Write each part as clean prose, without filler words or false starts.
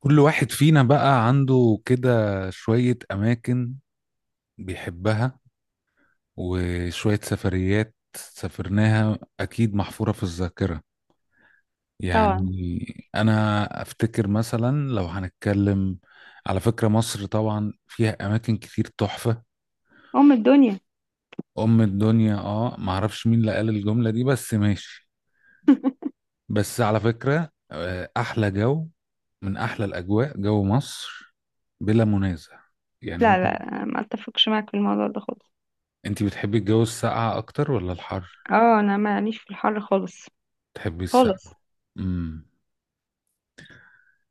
كل واحد فينا بقى عنده كده شوية أماكن بيحبها وشوية سفريات سافرناها أكيد محفورة في الذاكرة. طبعا. يعني أنا أفتكر مثلا لو هنتكلم على فكرة مصر طبعا فيها أماكن كتير تحفة. ام الدنيا. أم الدنيا، آه، معرفش مين اللي قال الجملة دي بس ماشي. بس على فكرة، أحلى جو من أحلى الأجواء جو مصر بلا منازع. يعني لا ممكن لا، أنا ما اتفقش معاك في الموضوع ده خالص. انت بتحبي الجو الساقعة اكتر ولا الحر؟ اه، انا ماليش في الحر خالص. بتحبي الساقعة؟ خالص. امم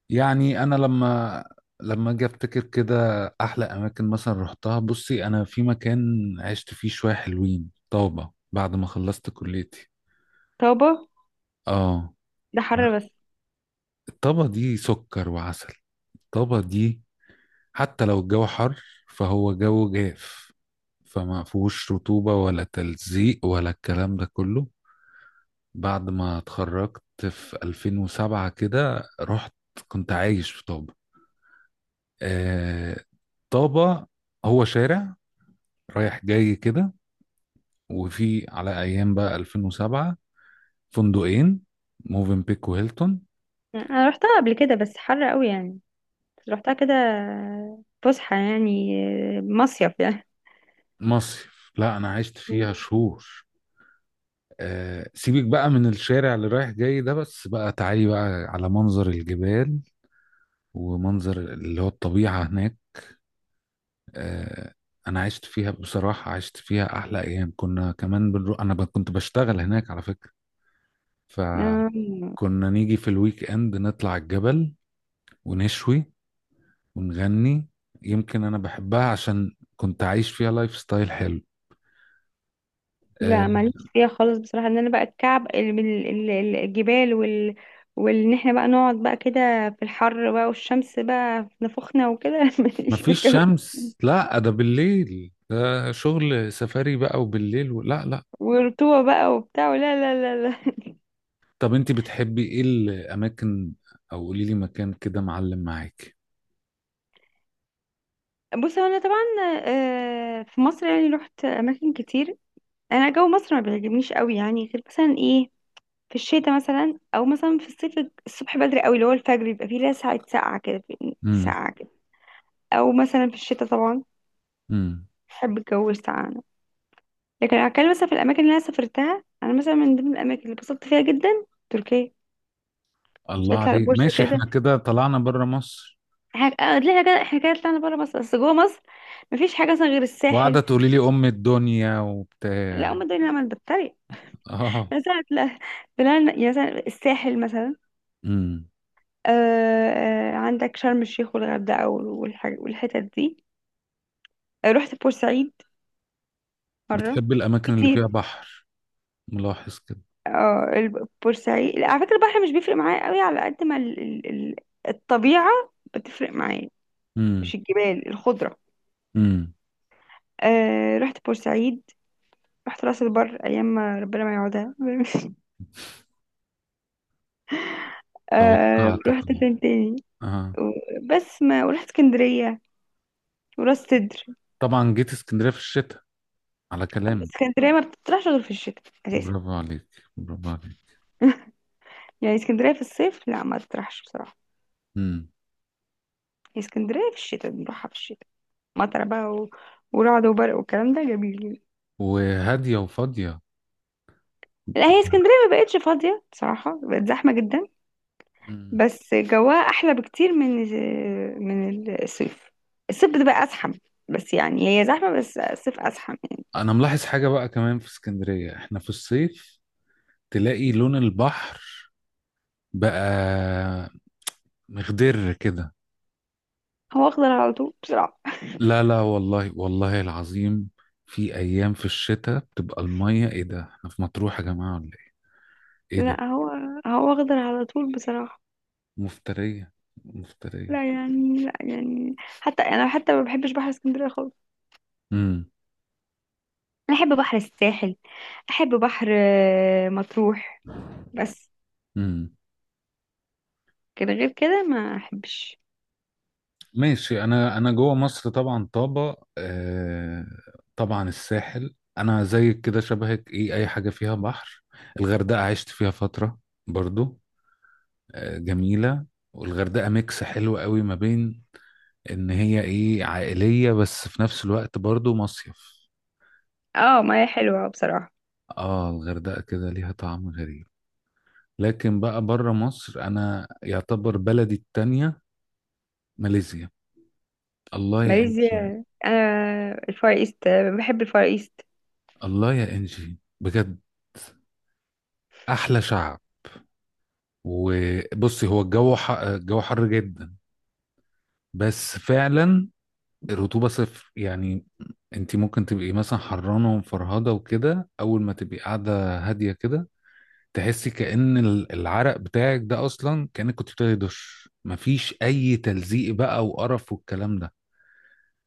يعني انا لما اجي افتكر كده احلى اماكن مثلا رحتها. بصي، انا في مكان عشت فيه شوية حلوين، طابة، بعد ما خلصت كليتي. طابة، اه. ده حر بس. الطابة دي سكر وعسل. الطابة دي حتى لو الجو حر فهو جو جاف، فما فيهوش رطوبة ولا تلزيق ولا الكلام ده كله. بعد ما اتخرجت في 2007 كده رحت، كنت عايش في طابة. آه، طابة. هو شارع رايح جاي كده، وفي على أيام بقى 2007 فندقين، موفن بيك وهيلتون. انا رحتها قبل كده بس حر قوي يعني. بس رحتها كده، فسحة يعني، مصيف يعني. مصيف؟ لا، أنا عشت مم. فيها شهور. آه، سيبك بقى من الشارع اللي رايح جاي ده، بس بقى تعالي بقى على منظر الجبال ومنظر اللي هو الطبيعة هناك. آه، انا عشت فيها بصراحه، عشت فيها احلى ايام. كنا كمان بنروح، انا كنت بشتغل هناك على فكره. آم، فكنا نيجي في الويك اند نطلع الجبل ونشوي ونغني. يمكن انا بحبها عشان كنت عايش فيها لايف ستايل حلو. آه، لا ماليش فيها خالص بصراحة، ان انا بقى الكعب الجبال وال، وان احنا بقى نقعد بقى كده في الحر بقى والشمس بقى في نافوخنا وكده ماليش في مفيش الجو، شمس، لا، ده بالليل، ده شغل سفاري بقى، وبالليل لا، لا. ورطوبة بقى وبتاع. لا لا لا لا. طب انت بتحبي ايه الاماكن؟ او قولي لي مكان كده معلم معاك. بص، هو انا طبعا آه، في مصر يعني رحت اماكن كتير. انا جو مصر ما بيعجبنيش قوي يعني، غير مثلا ايه، في الشتاء مثلا او مثلا في الصيف، الصبح بدري قوي اللي هو الفجر بيبقى فيه لها ساعه ساقعه كده، ساقعه كده، او مثلا في الشتاء طبعا. امم بحب الجو الساقع انا. لكن لو هتكلم مثلا في الاماكن اللي انا سافرتها، انا مثلا من ضمن الاماكن اللي اتبسطت فيها جدا تركيا. مش الله هتطلع عليك، البورصه ماشي، احنا كده. كده طلعنا بره مصر. احنا آه، ليه كده احنا كده طلعنا بره مصر؟ بس جوه مصر مفيش حاجه مثلا غير وقاعدة الساحل. تقولي لي أم الدنيا لا وبتاع. هم دول اللي انا اه. مثلا، لا، بلان يعني مثلا الساحل مثلا. امم آه. آه، عندك شرم الشيخ والغردقة والحتت دي. آه، رحت بورسعيد مرة بتحب الأماكن اللي فيها كتير. بحر؟ ملاحظ كده. اه بورسعيد لا، على فكرة البحر مش بيفرق معايا قوي على قد ما الطبيعة بتفرق معايا. مش امم الجبال الخضرة. امم آه رحت بورسعيد. رحت راس البر أيام ما ربنا ما يعودها آه توقعتك. رحت فين تاني؟ اه. بس ما ورحت اسكندرية وراس سدر. طبعا جيت اسكندرية في الشتاء، على كلامك. اسكندرية ما بتطرحش غير في الشتاء برافو عليك. برافو عليك. يعني. اسكندرية في الصيف لا ما تطرحش بصراحة. امم هي اسكندرية في الشتاء بنروحها في الشتاء، مطر بقى و... ورعد وبرق والكلام ده جميل. وهادية وفاضية. لا، هي اسكندرية ما بقتش فاضية بصراحة، بقت زحمة جدا. مم. بس جواها أحلى بكتير من من الصيف. الصيف بتبقى أزحم. بس يعني هي زحمة بس الصيف أزحم يعني. انا ملاحظ حاجة بقى كمان في اسكندرية احنا في الصيف تلاقي لون البحر بقى مخضر كده. هو أخضر على طول بصراحة. لا، لا، والله، والله العظيم، في ايام في الشتاء بتبقى الميه، ايه ده؟ احنا في مطروح يا جماعه ولا ايه؟ ايه لا، ده؟ هو أخضر على طول بصراحة. مفتريه. مفتريه. لا يعني لا يعني حتى أنا حتى ما بحبش بحر اسكندرية خالص. امم أنا أحب بحر الساحل. أحب بحر آه، مطروح بس. امم كان غير كده ما احبش. ماشي، انا جوه مصر طبعا طابه، آه. طبعا الساحل، انا زيك كده شبهك، ايه اي حاجه فيها بحر. الغردقه عشت فيها فتره برضو. آه، جميله. والغردقه ميكس حلو قوي ما بين ان هي ايه عائليه بس في نفس الوقت برضو مصيف. اه ما هي حلوة بصراحة. اه، الغردقة كده ليها طعم غريب. لكن بقى بره مصر، انا يعتبر بلدي التانية ماليزيا. الله يا انجي. ماليزيا، انا الفار ايست، بحب الفار ايست. الله يا انجي بجد. احلى شعب. وبصي، هو الجو الجو حر جدا، بس فعلا الرطوبة صفر يعني. انت ممكن تبقي مثلا حرانة ومفرهدة وكده، اول ما تبقي قاعدة هادية كده تحسي كأن العرق بتاعك ده اصلا كأنك كنت بتاخدي دش، مفيش اي تلزيق بقى وقرف والكلام ده.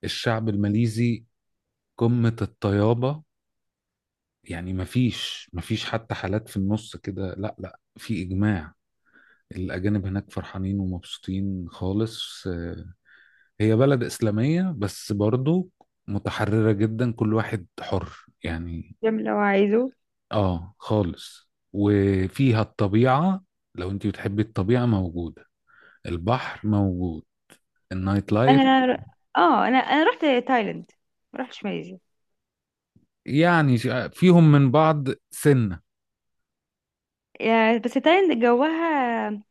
الشعب الماليزي قمة الطيابة. يعني مفيش حتى حالات في النص كده، لا، لا، في إجماع. الأجانب هناك فرحانين ومبسوطين خالص. آه، هي بلد إسلامية بس برضو متحررة جدا، كل واحد حر يعني. بيعمل اللي هو عايزه. آه، خالص، وفيها الطبيعة. لو أنت بتحبي الطبيعة موجودة، البحر موجود، النايت لايف. انا اه، انا رحت تايلاند، ما رحتش ماليزيا. يعني فيهم من بعض سن. بس تايلاند جوها،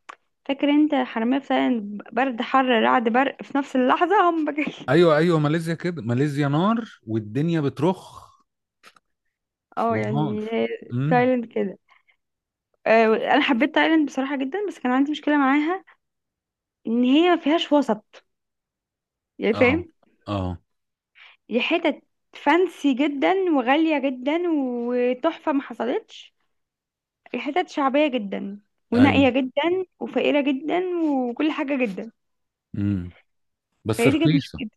فاكر انت، حرامية في تايلاند، برد حر رعد برق في نفس اللحظة، هم كده. ايوه، ايوه، ماليزيا كده، ماليزيا نار والدنيا بترخ اه ونار. يعني هي امم تايلاند كده. آه، انا حبيت تايلاند بصراحة جدا، بس كان عندي مشكلة معاها، ان هي ما فيهاش وسط، يعني اه، فاهم. اه، دي حتت فانسي جدا وغالية جدا وتحفة ما حصلتش، دي حتت شعبية جدا ايوه. ونائية جدا وفقيرة جدا وكل حاجة جدا. امم بس فهي دي كانت رخيصه. مشكلة.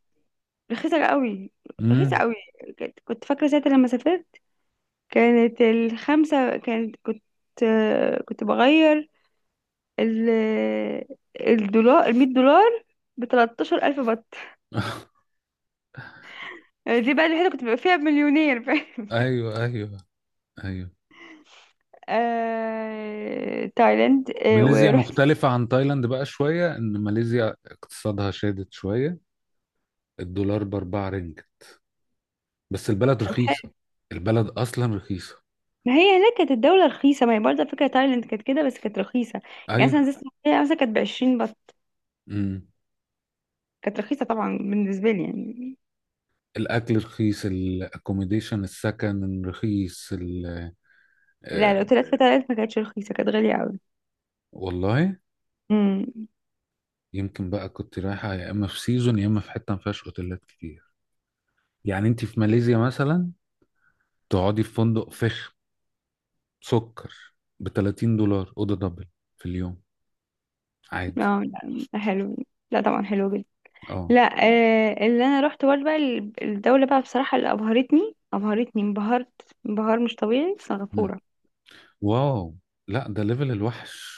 رخيصة قوي، رخيصة امم قوي. كنت فاكرة ساعتها لما سافرت، كانت الخمسة كانت كنت بغير ال الدولار، $100 بتلاتاشر ألف بط. يعني دي بقى الوحيدة كنت ببقى فيها مليونير فاهم. ايوه، ايوه، ايوه. آه... تايلاند. آه... ماليزيا ورحت. مختلفة عن تايلاند بقى شوية، إن ماليزيا اقتصادها شادد شوية، الدولار بأربعة رينج، بس البلد رخيصة، البلد أصلا رخيصة. ما هي هناك كانت الدولة رخيصة، ما هي برضه فكرة تايلاند كانت كده بس، كانت رخيصة. يعني مثلا أيوة. زي اسكندرية مثلا، كانت بعشرين بس، امم كانت رخيصة طبعا بالنسبة لي يعني. الأكل رخيص، الأكوميديشن السكن رخيص، لا، آه، الأوتيلات في تايلاند ما كانتش رخيصة، كانت غالية أوي. والله امم. يمكن بقى كنت رايحة يا إما في سيزون يا إما في حتة ما فيهاش أوتيلات كتير. يعني أنت في ماليزيا مثلا تقعدي في فندق فخم سكر ب $30 أوضة دبل في اليوم، عادي. اه. لا حلو. لا طبعا حلو جدا. أه. لا، آه اللي أنا روحت برضه بقى الدولة بقى بصراحة اللي أبهرتني، أبهرتني، انبهرت انبهار مش طبيعي، مم. سنغافورة. واو. لا، ده ليفل الوحش.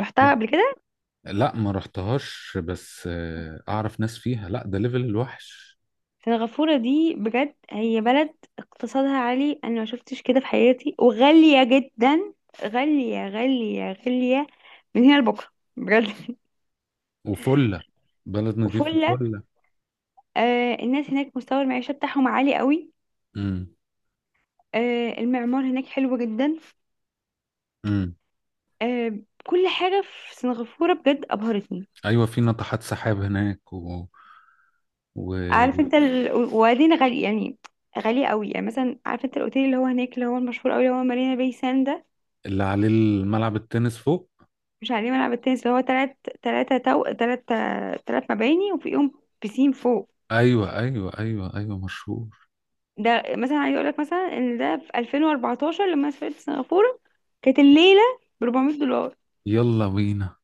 رحتها لا، قبل كده. لا، ما رحتهاش بس أعرف ناس فيها. لا، ده ليفل الوحش. سنغافورة دي بجد هي بلد اقتصادها عالي، انا ما شفتش كده في حياتي، وغالية جدا. غالية غالية غالية، من هنا لبكرة، بجد. وفلة. بلد نضيف وفلة. فلة. آه الناس هناك مستوى المعيشة بتاعهم عالي قوي. امم آه المعمار هناك حلو جدا. امم آه، كل حاجة في سنغافورة بجد أبهرتني. أيوة، في ناطحات سحاب هناك عارف واللي انت ال... وبعدين غالي يعني، غالية قوي يعني. مثلا عارف انت الاوتيل اللي هو هناك اللي هو المشهور قوي اللي هو مارينا باي ساند؟ عليه الملعب التنس فوق. مش عليه ملعب التنس اللي هو تلات، تلاتة تو تلات، تلات مباني وفيهم بيسين فوق. ايوه، ايوه، ايوه، ايوه، مشهور. ده مثلا عايز اقول لك مثلا ان ده في 2014 لما سافرت سنغافورة، كانت الليلة ب $400، يلا بينا.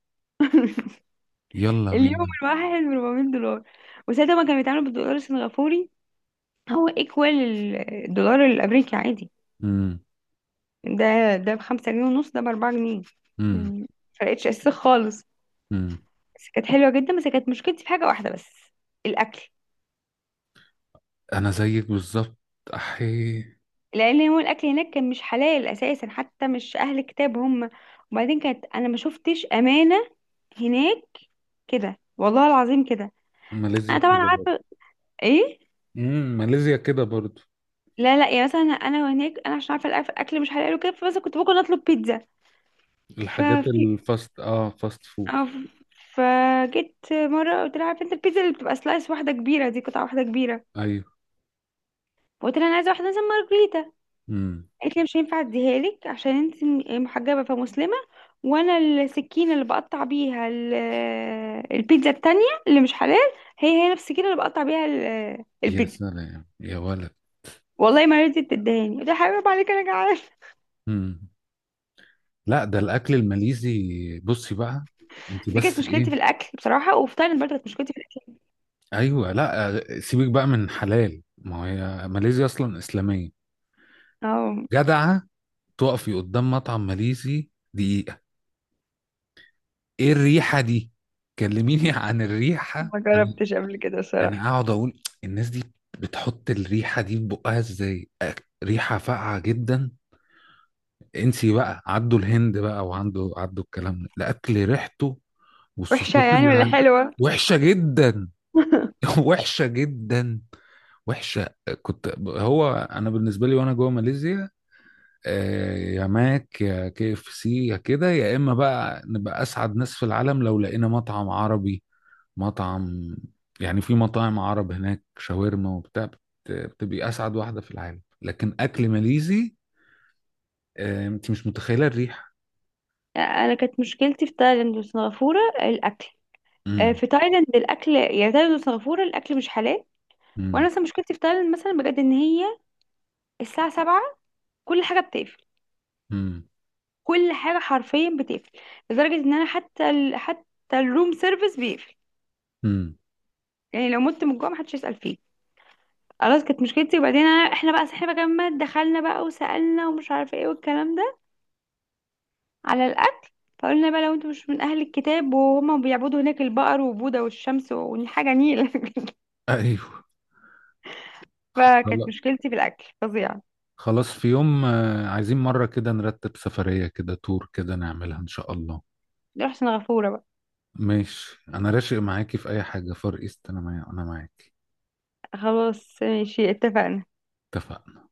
يلا اليوم بينا. الواحد ب $400. وساعتها ما كانوا بيتعاملوا بالدولار السنغافوري، هو ايكوال الدولار الامريكي عادي. امم ده بخمسة جنيه ونص، ده بأربعة جنيه. امم مم. فرقتش اساسا خالص. امم بس كانت حلوة جدا، بس كانت مشكلتي في حاجة واحدة بس، الأكل. انا زيك بالظبط. احي. لان هو الاكل هناك كان مش حلال اساسا، حتى مش اهل كتاب هم. وبعدين كانت، انا ما شفتش امانه هناك كده، والله العظيم كده. ماليزيا انا طبعا كده برضه. عارفه ايه. ماليزيا كده برضه. لا لا، يا مثلا انا هناك انا عشان عارفه الاكل مش حلال وكده، فبس كنت ممكن اطلب بيتزا. الحاجات ففي الفاست اه فاست فود. أو- فجيت مره قلت لها عارفه انت البيتزا اللي بتبقى سلايس واحده كبيره دي قطعه واحده كبيره؟ ايوه. قلت لها انا عايزه واحده مثلا مارجريتا. امم قالت لي مش هينفع اديها لك عشان انت محجبه فمسلمه، وانا السكينه اللي بقطع بيها البيتزا التانية اللي مش حلال، هي هي نفس السكينه اللي بقطع بيها يا البيتزا. سلام يا ولد. والله ما رضيت تدهاني، قلت لها حبيبي عليك انا جعان. امم لا، ده الاكل الماليزي. بصي بقى، انت دي كانت بس مشكلتي في ايه. الاكل بصراحه، وفي تايلاند برضه كانت مشكلتي في الاكل. ايوه، لا، سيبك بقى من حلال، ما هي ماليزيا اصلا اسلاميه. اه جدعه. تقفي قدام مطعم ماليزي دي، ايه الريحة دي؟ كلميني عن الريحة ما انا. جربتش قبل كده صراحة. انا اقعد اقول الناس دي بتحط الريحة دي في بقها ازاي؟ ريحة فاقعة جدا. انسي بقى عدوا الهند بقى وعنده عدوا الكلام ده، الاكل ريحته وحشة والصوصات يعني اللي ولا على حلوة؟ وحشة جدا. وحشة جدا. وحشة. كنت، هو انا بالنسبة لي وانا جوه ماليزيا، يا ماك يا كي اف سي يا كده، يا اما بقى نبقى اسعد ناس في العالم لو لقينا مطعم عربي، مطعم. يعني في مطاعم عرب هناك شاورما وبتاع بتبقي اسعد واحده في العالم، لكن اكل ماليزي، انت مش متخيله الريحه. انا كانت مشكلتي في تايلاند وسنغافوره الاكل. آه، امم في تايلاند الاكل، يعني تايلاند وسنغافوره الاكل مش حلال. وانا امم مثلا مشكلتي في تايلاند مثلا بجد ان هي الساعة 7 كل حاجة بتقفل. امم كل حاجة حرفيا بتقفل، لدرجة ان انا حتى ال... حتى الروم سيرفيس بيقفل. امم يعني لو مت من الجوع محدش يسأل فيه. خلاص كانت مشكلتي. وبعدين أنا... احنا بقى صحينا بقى جنبنا دخلنا بقى وسألنا ومش عارفة ايه والكلام ده على الأكل. فقلنا بقى لو انتوا مش من أهل الكتاب، وهما بيعبدوا هناك البقر وبوذا والشمس وحاجة نيلة ايوه. فكانت خلاص. مشكلتي في الأكل فظيعة. خلاص، في يوم، عايزين مره كده نرتب سفريه كده، تور كده، نعملها ان شاء الله. رحت سنغافورة بقى. ماشي، انا راشق معاكي في اي حاجه فار ايست، انا معايا انا معاكي. خلاص ماشي، اتفقنا. اتفقنا.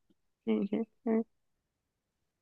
ماشي.